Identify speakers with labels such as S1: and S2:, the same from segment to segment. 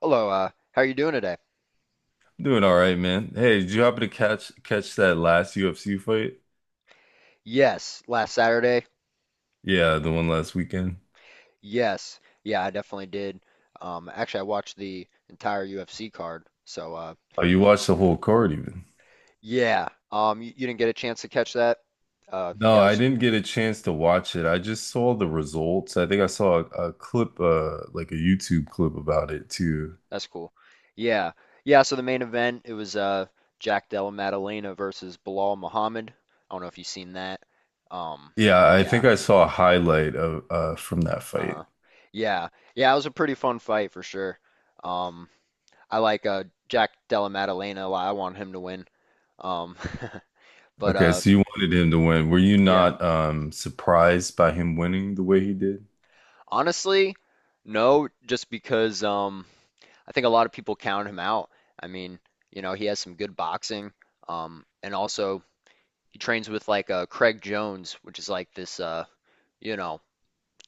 S1: Hello, how are you doing today?
S2: Doing all right, man. Hey, did you happen to catch that last UFC fight?
S1: Yes, last Saturday.
S2: Yeah, the one last weekend.
S1: Yes. Yeah, I definitely did. Actually, I watched the entire UFC card. So,
S2: Oh, you
S1: y
S2: watched the whole card even.
S1: yeah. You didn't get a chance to catch that?
S2: No,
S1: Yeah,
S2: I didn't get a chance to watch it. I just saw the results. I think I saw a clip, like a YouTube clip about it too.
S1: that's cool. Yeah. Yeah, so the main event, it was Jack Della Maddalena versus Bilal Muhammad. I don't know if you've seen that. Um,
S2: Yeah, I
S1: yeah.
S2: think I saw a highlight of from that fight.
S1: Uh-huh. Yeah. Yeah, it was a pretty fun fight for sure. Um, I like Jack Della Maddalena a lot. I want him to win. Um, but
S2: Okay,
S1: uh,
S2: so you wanted him to win. Were you
S1: yeah,
S2: not surprised by him winning the way he did?
S1: honestly, no, just because I think a lot of people count him out. I mean, he has some good boxing, and also he trains with like Craig Jones, which is like this, you know,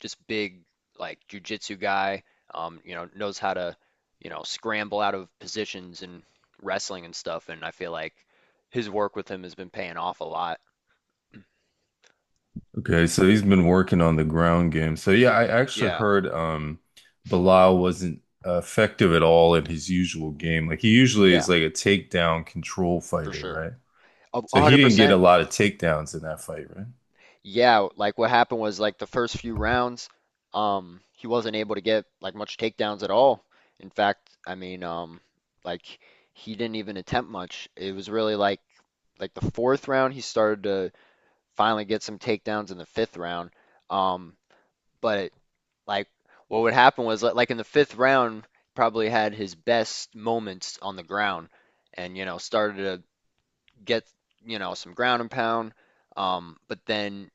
S1: just big like jujitsu guy. Knows how to, scramble out of positions and wrestling and stuff. And I feel like his work with him has been paying off a lot.
S2: Okay, so he's been working on the ground game. So yeah, I actually
S1: Yeah,
S2: heard Bilal wasn't effective at all in his usual game. Like he usually
S1: yeah,
S2: is like a takedown control
S1: for
S2: fighter,
S1: sure.
S2: right?
S1: A
S2: So he
S1: hundred
S2: didn't get a
S1: percent.
S2: lot of takedowns in that fight, right?
S1: Yeah, like what happened was like the first few rounds, he wasn't able to get like much takedowns at all. In fact, I mean, like he didn't even attempt much. It was really like the fourth round he started to finally get some takedowns in the fifth round. Um, but like what would happen was like in the fifth round probably had his best moments on the ground, and started to get some ground and pound. But then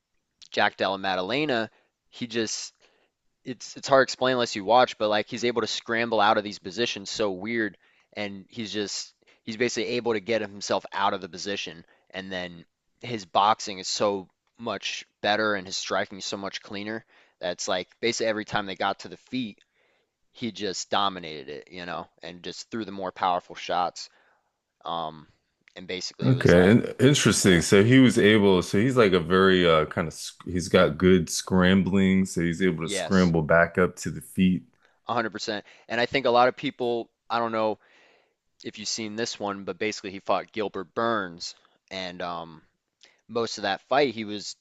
S1: Jack Della Maddalena, he just it's hard to explain unless you watch, but like he's able to scramble out of these positions so weird, and he's basically able to get himself out of the position, and then his boxing is so much better and his striking is so much cleaner. That's like basically every time they got to the feet, he just dominated it, and just threw the more powerful shots. Um, and basically it was
S2: Okay,
S1: like, yeah,
S2: interesting. So he was able, so he's like a very kind of sc he's got good scrambling, so he's able to
S1: yes,
S2: scramble back up to the feet.
S1: 100%. And I think a lot of people, I don't know if you've seen this one, but basically he fought Gilbert Burns, and most of that fight he was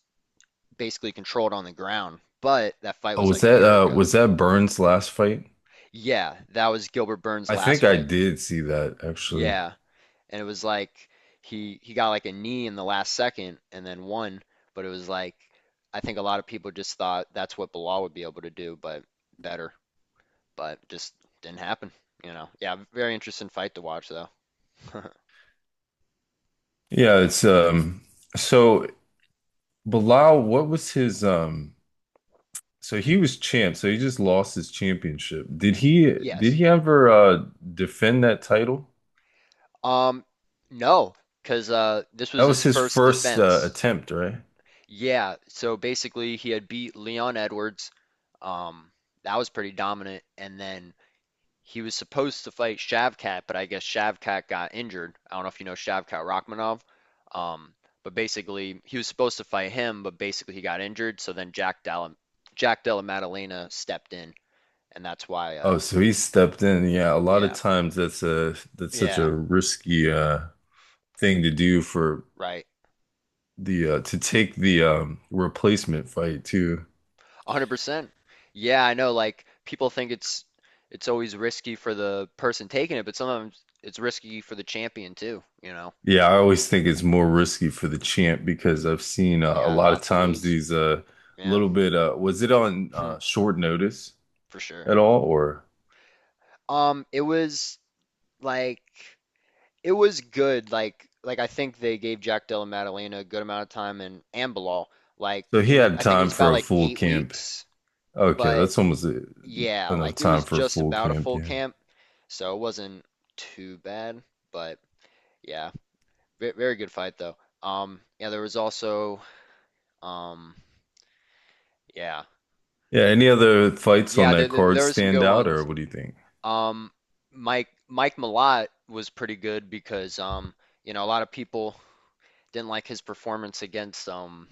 S1: basically controlled on the ground. But that fight
S2: Oh,
S1: was like a year ago.
S2: was that Burns' last fight?
S1: Yeah, that was Gilbert Burns'
S2: I think
S1: last
S2: I
S1: fight.
S2: did see that actually.
S1: Yeah, and it was like he got like a knee in the last second and then won, but it was like I think a lot of people just thought that's what Bilal would be able to do, but better, but just didn't happen, you know. Yeah, very interesting fight to watch though.
S2: Yeah, it's so Bilal, what was his so he was champ, so he just lost his championship. Did he did
S1: Yes.
S2: he ever defend that title?
S1: Um, no, because this
S2: That
S1: was his
S2: was his
S1: first
S2: first
S1: defense.
S2: attempt, right?
S1: Yeah, so basically he had beat Leon Edwards. Um, that was pretty dominant, and then he was supposed to fight Shavkat, but I guess Shavkat got injured. I don't know if you know Shavkat Rachmanov. Um, but basically he was supposed to fight him, but basically he got injured. So then Jack Della Maddalena stepped in, and that's why.
S2: Oh, so he stepped in. Yeah, a lot of
S1: Yeah,
S2: times that's a that's such a
S1: yeah,
S2: risky thing to do for
S1: right.
S2: the to take the replacement fight too.
S1: 100%. Yeah, I know. Like people think it's always risky for the person taking it, but sometimes it's risky for the champion too, you know.
S2: Yeah, I always think it's more risky for the champ because I've seen
S1: They
S2: a
S1: got a
S2: lot of
S1: lot to
S2: times
S1: lose.
S2: these
S1: Yeah.
S2: little bit was it on short notice?
S1: For sure.
S2: At all, or
S1: It was like it was good. Like I think they gave Jack Della Maddalena a good amount of time and Bilal. Like
S2: so
S1: it
S2: he
S1: was
S2: had
S1: I think it
S2: time
S1: was
S2: for
S1: about
S2: a
S1: like
S2: full
S1: eight
S2: camp.
S1: weeks,
S2: Okay,
S1: but
S2: that's almost
S1: yeah,
S2: enough
S1: like it
S2: time
S1: was
S2: for a
S1: just
S2: full
S1: about a
S2: camp.
S1: full
S2: Yeah,
S1: camp, so it wasn't too bad. But yeah. Very good fight though. Yeah, there was also, um, yeah,
S2: yeah. Any other fights on
S1: yeah, there,
S2: that
S1: there,
S2: card
S1: there were some
S2: stand
S1: good
S2: out, or
S1: ones.
S2: what do you think?
S1: Um, Mike Malott was pretty good because, a lot of people didn't like his performance against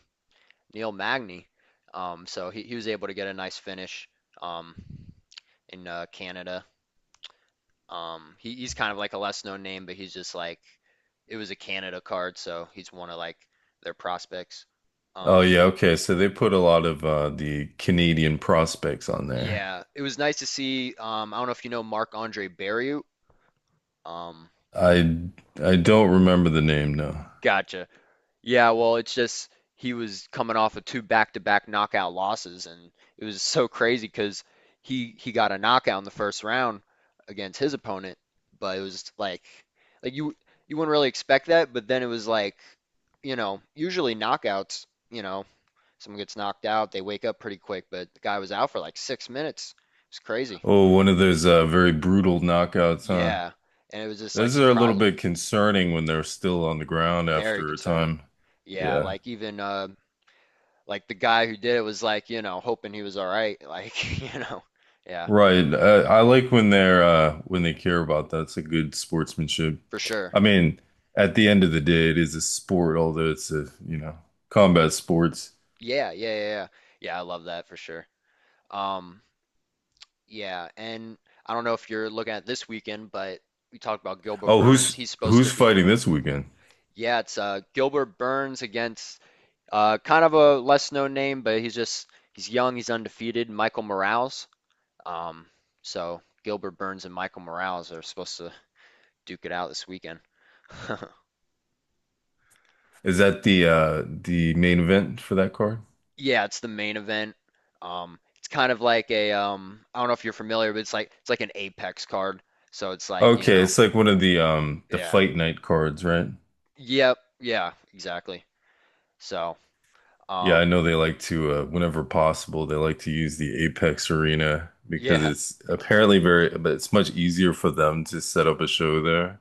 S1: Neil Magny. So he was able to get a nice finish um in Canada. He's kind of like a less known name, but he's just like it was a Canada card, so he's one of like their prospects.
S2: Oh
S1: Um,
S2: yeah, okay. So they put a lot of the Canadian prospects on there.
S1: Yeah, it was nice to see. I don't know if you know Marc-Andre Barrieu. Um,
S2: I I don't remember the name, no.
S1: Gotcha. Yeah, well, it's just he was coming off of two back-to-back knockout losses, and it was so crazy because he got a knockout in the first round against his opponent, but it was like like you you wouldn't really expect that, but then it was like you know usually knockouts, you know, someone gets knocked out, they wake up pretty quick, but the guy was out for like 6 minutes. It's crazy.
S2: Oh, one of those very brutal knockouts, huh?
S1: Yeah, and it was just like
S2: Those are a little
S1: surprising.
S2: bit concerning when they're still on the ground
S1: Very
S2: after a
S1: concerning.
S2: time.
S1: Yeah,
S2: Yeah.
S1: like even like the guy who did it was like, you know, hoping he was all right, like, you know. Yeah,
S2: Right. I like when they're when they care about that. It's a good sportsmanship.
S1: for sure.
S2: I mean, at the end of the day, it is a sport, although it's a, you know, combat sports.
S1: Yeah, yeah, yeah, yeah. Yeah, I love that for sure. Um, yeah, and I don't know if you're looking at this weekend, but we talked about Gilbert
S2: Oh,
S1: Burns.
S2: who's
S1: He's supposed
S2: who's
S1: to be,
S2: fighting this weekend?
S1: yeah, it's Gilbert Burns against kind of a less known name, but he's young, he's undefeated, Michael Morales. Um, so Gilbert Burns and Michael Morales are supposed to duke it out this weekend.
S2: Is that the main event for that card?
S1: Yeah, it's the main event. It's kind of like a, I don't know if you're familiar, but it's like an Apex card. So it's like, you
S2: Okay,
S1: know,
S2: it's like one of the
S1: yeah.
S2: fight night cards, right?
S1: Yep, yeah, exactly. So,
S2: Yeah, I
S1: um,
S2: know they like to whenever possible, they like to use the Apex Arena because
S1: yeah,
S2: it's apparently very, but it's much easier for them to set up a show there.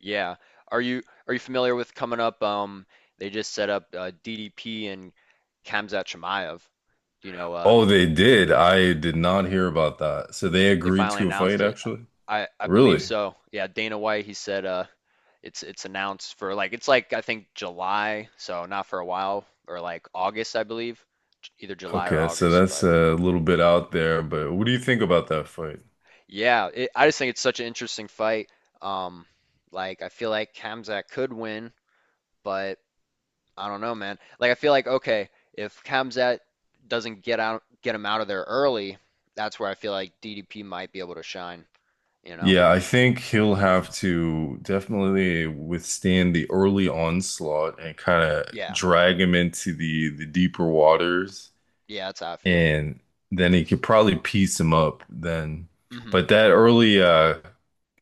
S1: yeah. Are you familiar with coming up? They just set up DDP and Khamzat Chimaev. You know,
S2: Oh, they did. I did not hear about that. So they
S1: they
S2: agreed
S1: finally
S2: to a fight,
S1: announced it.
S2: actually?
S1: I believe
S2: Really?
S1: so. Yeah, Dana White, he said it's announced for like it's like I think July, so not for a while or like August, I believe, either July or
S2: Okay, so
S1: August,
S2: that's
S1: but
S2: a little bit out there, but what do you think about that fight?
S1: yeah, I just think it's such an interesting fight. Um like I feel like Khamzat could win, but I don't know, man. Like I feel like, okay, if Khamzat doesn't get out get him out of there early, that's where I feel like DDP might be able to shine, you know?
S2: Yeah, I think he'll have to definitely withstand the early onslaught and kind of
S1: Yeah.
S2: drag him into the deeper waters.
S1: Yeah, that's how I feel.
S2: And then he could probably piece him up then.
S1: Mhm.
S2: But that early uh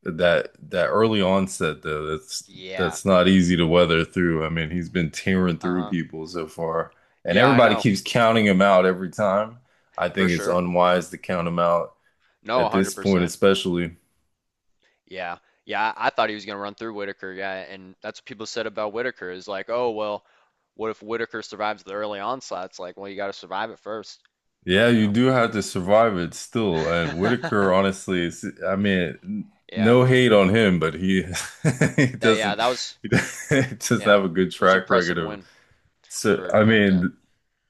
S2: that that early onset though,
S1: Yeah.
S2: that's not easy to weather through. I mean, he's been tearing through
S1: Uh-huh.
S2: people so far, and
S1: Yeah, I
S2: everybody
S1: know,
S2: keeps counting him out every time. I
S1: for
S2: think it's
S1: sure.
S2: unwise to count him out
S1: No,
S2: at this point,
S1: 100%.
S2: especially.
S1: Yeah. Yeah, I thought he was going to run through Whitaker. Yeah, and that's what people said about Whitaker is like, "Oh, well, what if Whitaker survives the early onslaught?" It's like, "Well, you got to survive it first.
S2: Yeah,
S1: I don't
S2: you
S1: know."
S2: do have to survive it still. And Whitaker, honestly, is, I mean,
S1: Yeah.
S2: no hate on him, but he he
S1: That Yeah,
S2: doesn't
S1: that was
S2: he doesn't
S1: yeah.
S2: have a good
S1: It was
S2: track record
S1: impressive
S2: of.
S1: win
S2: So
S1: for
S2: I
S1: Kamzat.
S2: mean,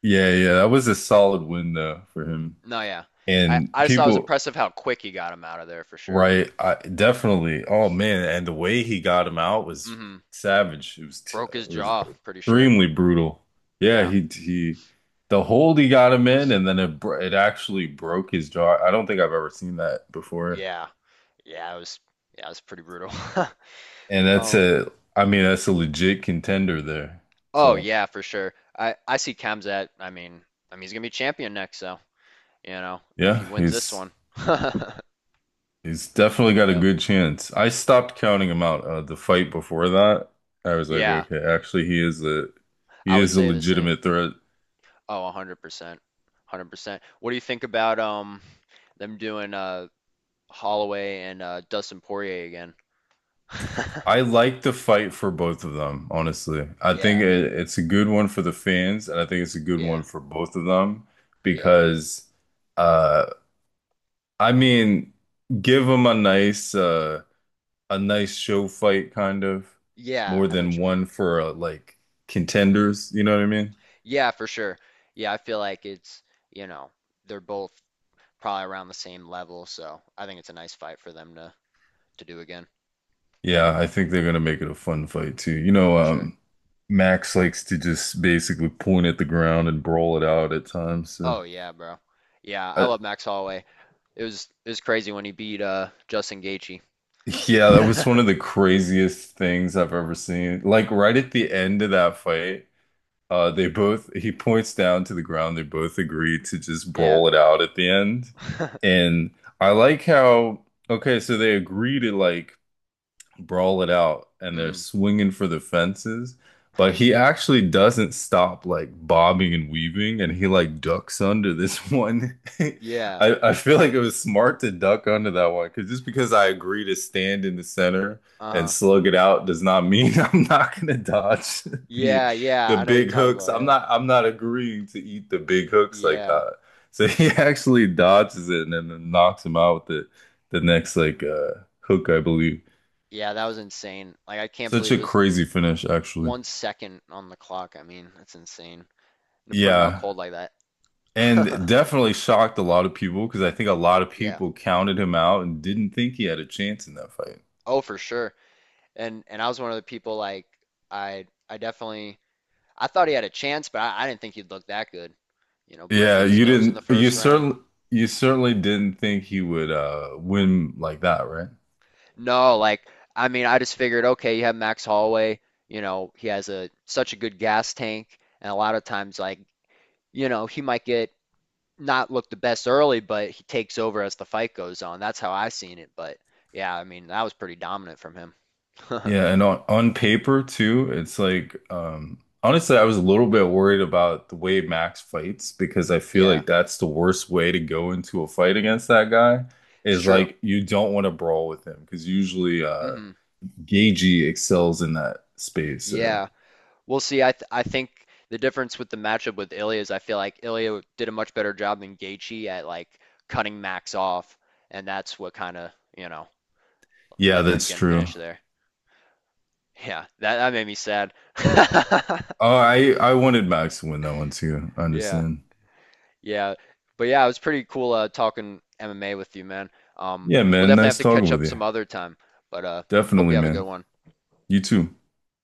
S2: yeah, yeah, that was a solid win though for him.
S1: No, yeah. I
S2: And
S1: I just thought it was
S2: people,
S1: impressive how quick he got him out of there for sure.
S2: right, I definitely. Oh man, and the way he got him out was
S1: hmm
S2: savage. It was
S1: Broke his
S2: it was
S1: jaw, pretty sure.
S2: extremely brutal. Yeah,
S1: Yeah.
S2: he the hold he got him in and then it actually broke his jaw. I don't think I've ever seen that before.
S1: Yeah. Yeah, it was yeah, it was pretty brutal.
S2: And that's
S1: Um
S2: a I mean that's a legit contender there.
S1: Oh
S2: So,
S1: yeah, for sure. I see Kem's I mean, he's gonna be champion next, so you know if
S2: yeah,
S1: he wins this one.
S2: he's definitely got a
S1: Yep.
S2: good chance. I stopped counting him out the fight before that. I was like,
S1: Yeah,
S2: okay, actually he
S1: I would
S2: is a
S1: say the same.
S2: legitimate threat.
S1: Oh, 100%. 100%. What do you think about them doing Holloway and Dustin Poirier again?
S2: I like the fight for both of them, honestly. I think
S1: Yeah,
S2: it's a good one for the fans, and I think it's a good one
S1: yeah,
S2: for both of them
S1: yeah.
S2: because, uh, I mean, give them a nice show fight kind of
S1: Yeah,
S2: more
S1: I know what
S2: than
S1: you mean.
S2: one for like
S1: Hmm.
S2: contenders. You know what I mean?
S1: Yeah, for sure. Yeah, I feel like it's, you know, they're both probably around the same level, so I think it's a nice fight for them to do again.
S2: Yeah, I think they're gonna make it a fun fight too. You know,
S1: For sure.
S2: Max likes to just basically point at the ground and brawl it out at times. So
S1: Oh yeah, bro. Yeah, I
S2: I,
S1: love Max Holloway. It was crazy when he beat Justin Gaethje.
S2: yeah, that was one of the craziest things I've ever seen. Like right at the end of that fight, they both he points down to the ground, they both agree to just
S1: Yeah.
S2: brawl it out at the end. And I like how okay, so they agree to like brawl it out and they're
S1: Mm.
S2: swinging for the fences but he actually doesn't stop like bobbing and weaving and he like ducks under this one
S1: Yeah.
S2: I feel like it was smart to duck under that one because just because I agree to stand in the center and
S1: Uh-huh.
S2: slug it out does not mean I'm not gonna dodge the
S1: Yeah, yeah.
S2: the
S1: I know what you're
S2: big
S1: talking
S2: hooks.
S1: about. Yeah.
S2: I'm not agreeing to eat the big hooks like
S1: Yeah.
S2: that so he actually dodges it and then knocks him out with the next like hook I believe
S1: Yeah, that was insane. Like I can't
S2: such
S1: believe it
S2: a
S1: was
S2: crazy finish, actually.
S1: 1 second on the clock. I mean, that's insane. To put him out
S2: Yeah.
S1: cold like that.
S2: And definitely shocked a lot of people because I think a lot of
S1: Yeah.
S2: people counted him out and didn't think he had a chance in that fight.
S1: Oh, for sure. And I was one of the people like I I definitely I thought he had a chance, but I didn't think he'd look that good. You know, breaking
S2: Yeah,
S1: his nose in the first round.
S2: you certainly didn't think he would win like that, right?
S1: No, like I mean, I just figured, okay, you have Max Holloway, you know, he has a such a good gas tank, and a lot of times, like, you know, he might get not look the best early, but he takes over as the fight goes on. That's how I seen it. But yeah, I mean, that was pretty dominant from him.
S2: Yeah, and on paper too, it's like honestly I was a little bit worried about the way Max fights because I feel
S1: Yeah,
S2: like that's the worst way to go into a fight against that guy
S1: it's
S2: is
S1: true.
S2: like you don't want to brawl with him because usually
S1: Hmm.
S2: Gagey excels in that space. So
S1: Yeah, we'll see. I think the difference with the matchup with Ilya is I feel like Ilya did a much better job than Gaethje at like cutting Max off, and that's what kind of, you know,
S2: yeah,
S1: led to him
S2: that's
S1: getting
S2: true.
S1: finished there. Yeah, that made me sad.
S2: Oh, I wanted Max to win that one too. I
S1: Yeah,
S2: understand.
S1: yeah, but yeah, it was pretty cool talking MMA with you, man. Um,
S2: Yeah,
S1: we'll
S2: man.
S1: definitely have
S2: Nice
S1: to
S2: talking
S1: catch
S2: with
S1: up
S2: you.
S1: some other time, but hope you
S2: Definitely,
S1: have a good
S2: man.
S1: one.
S2: You too.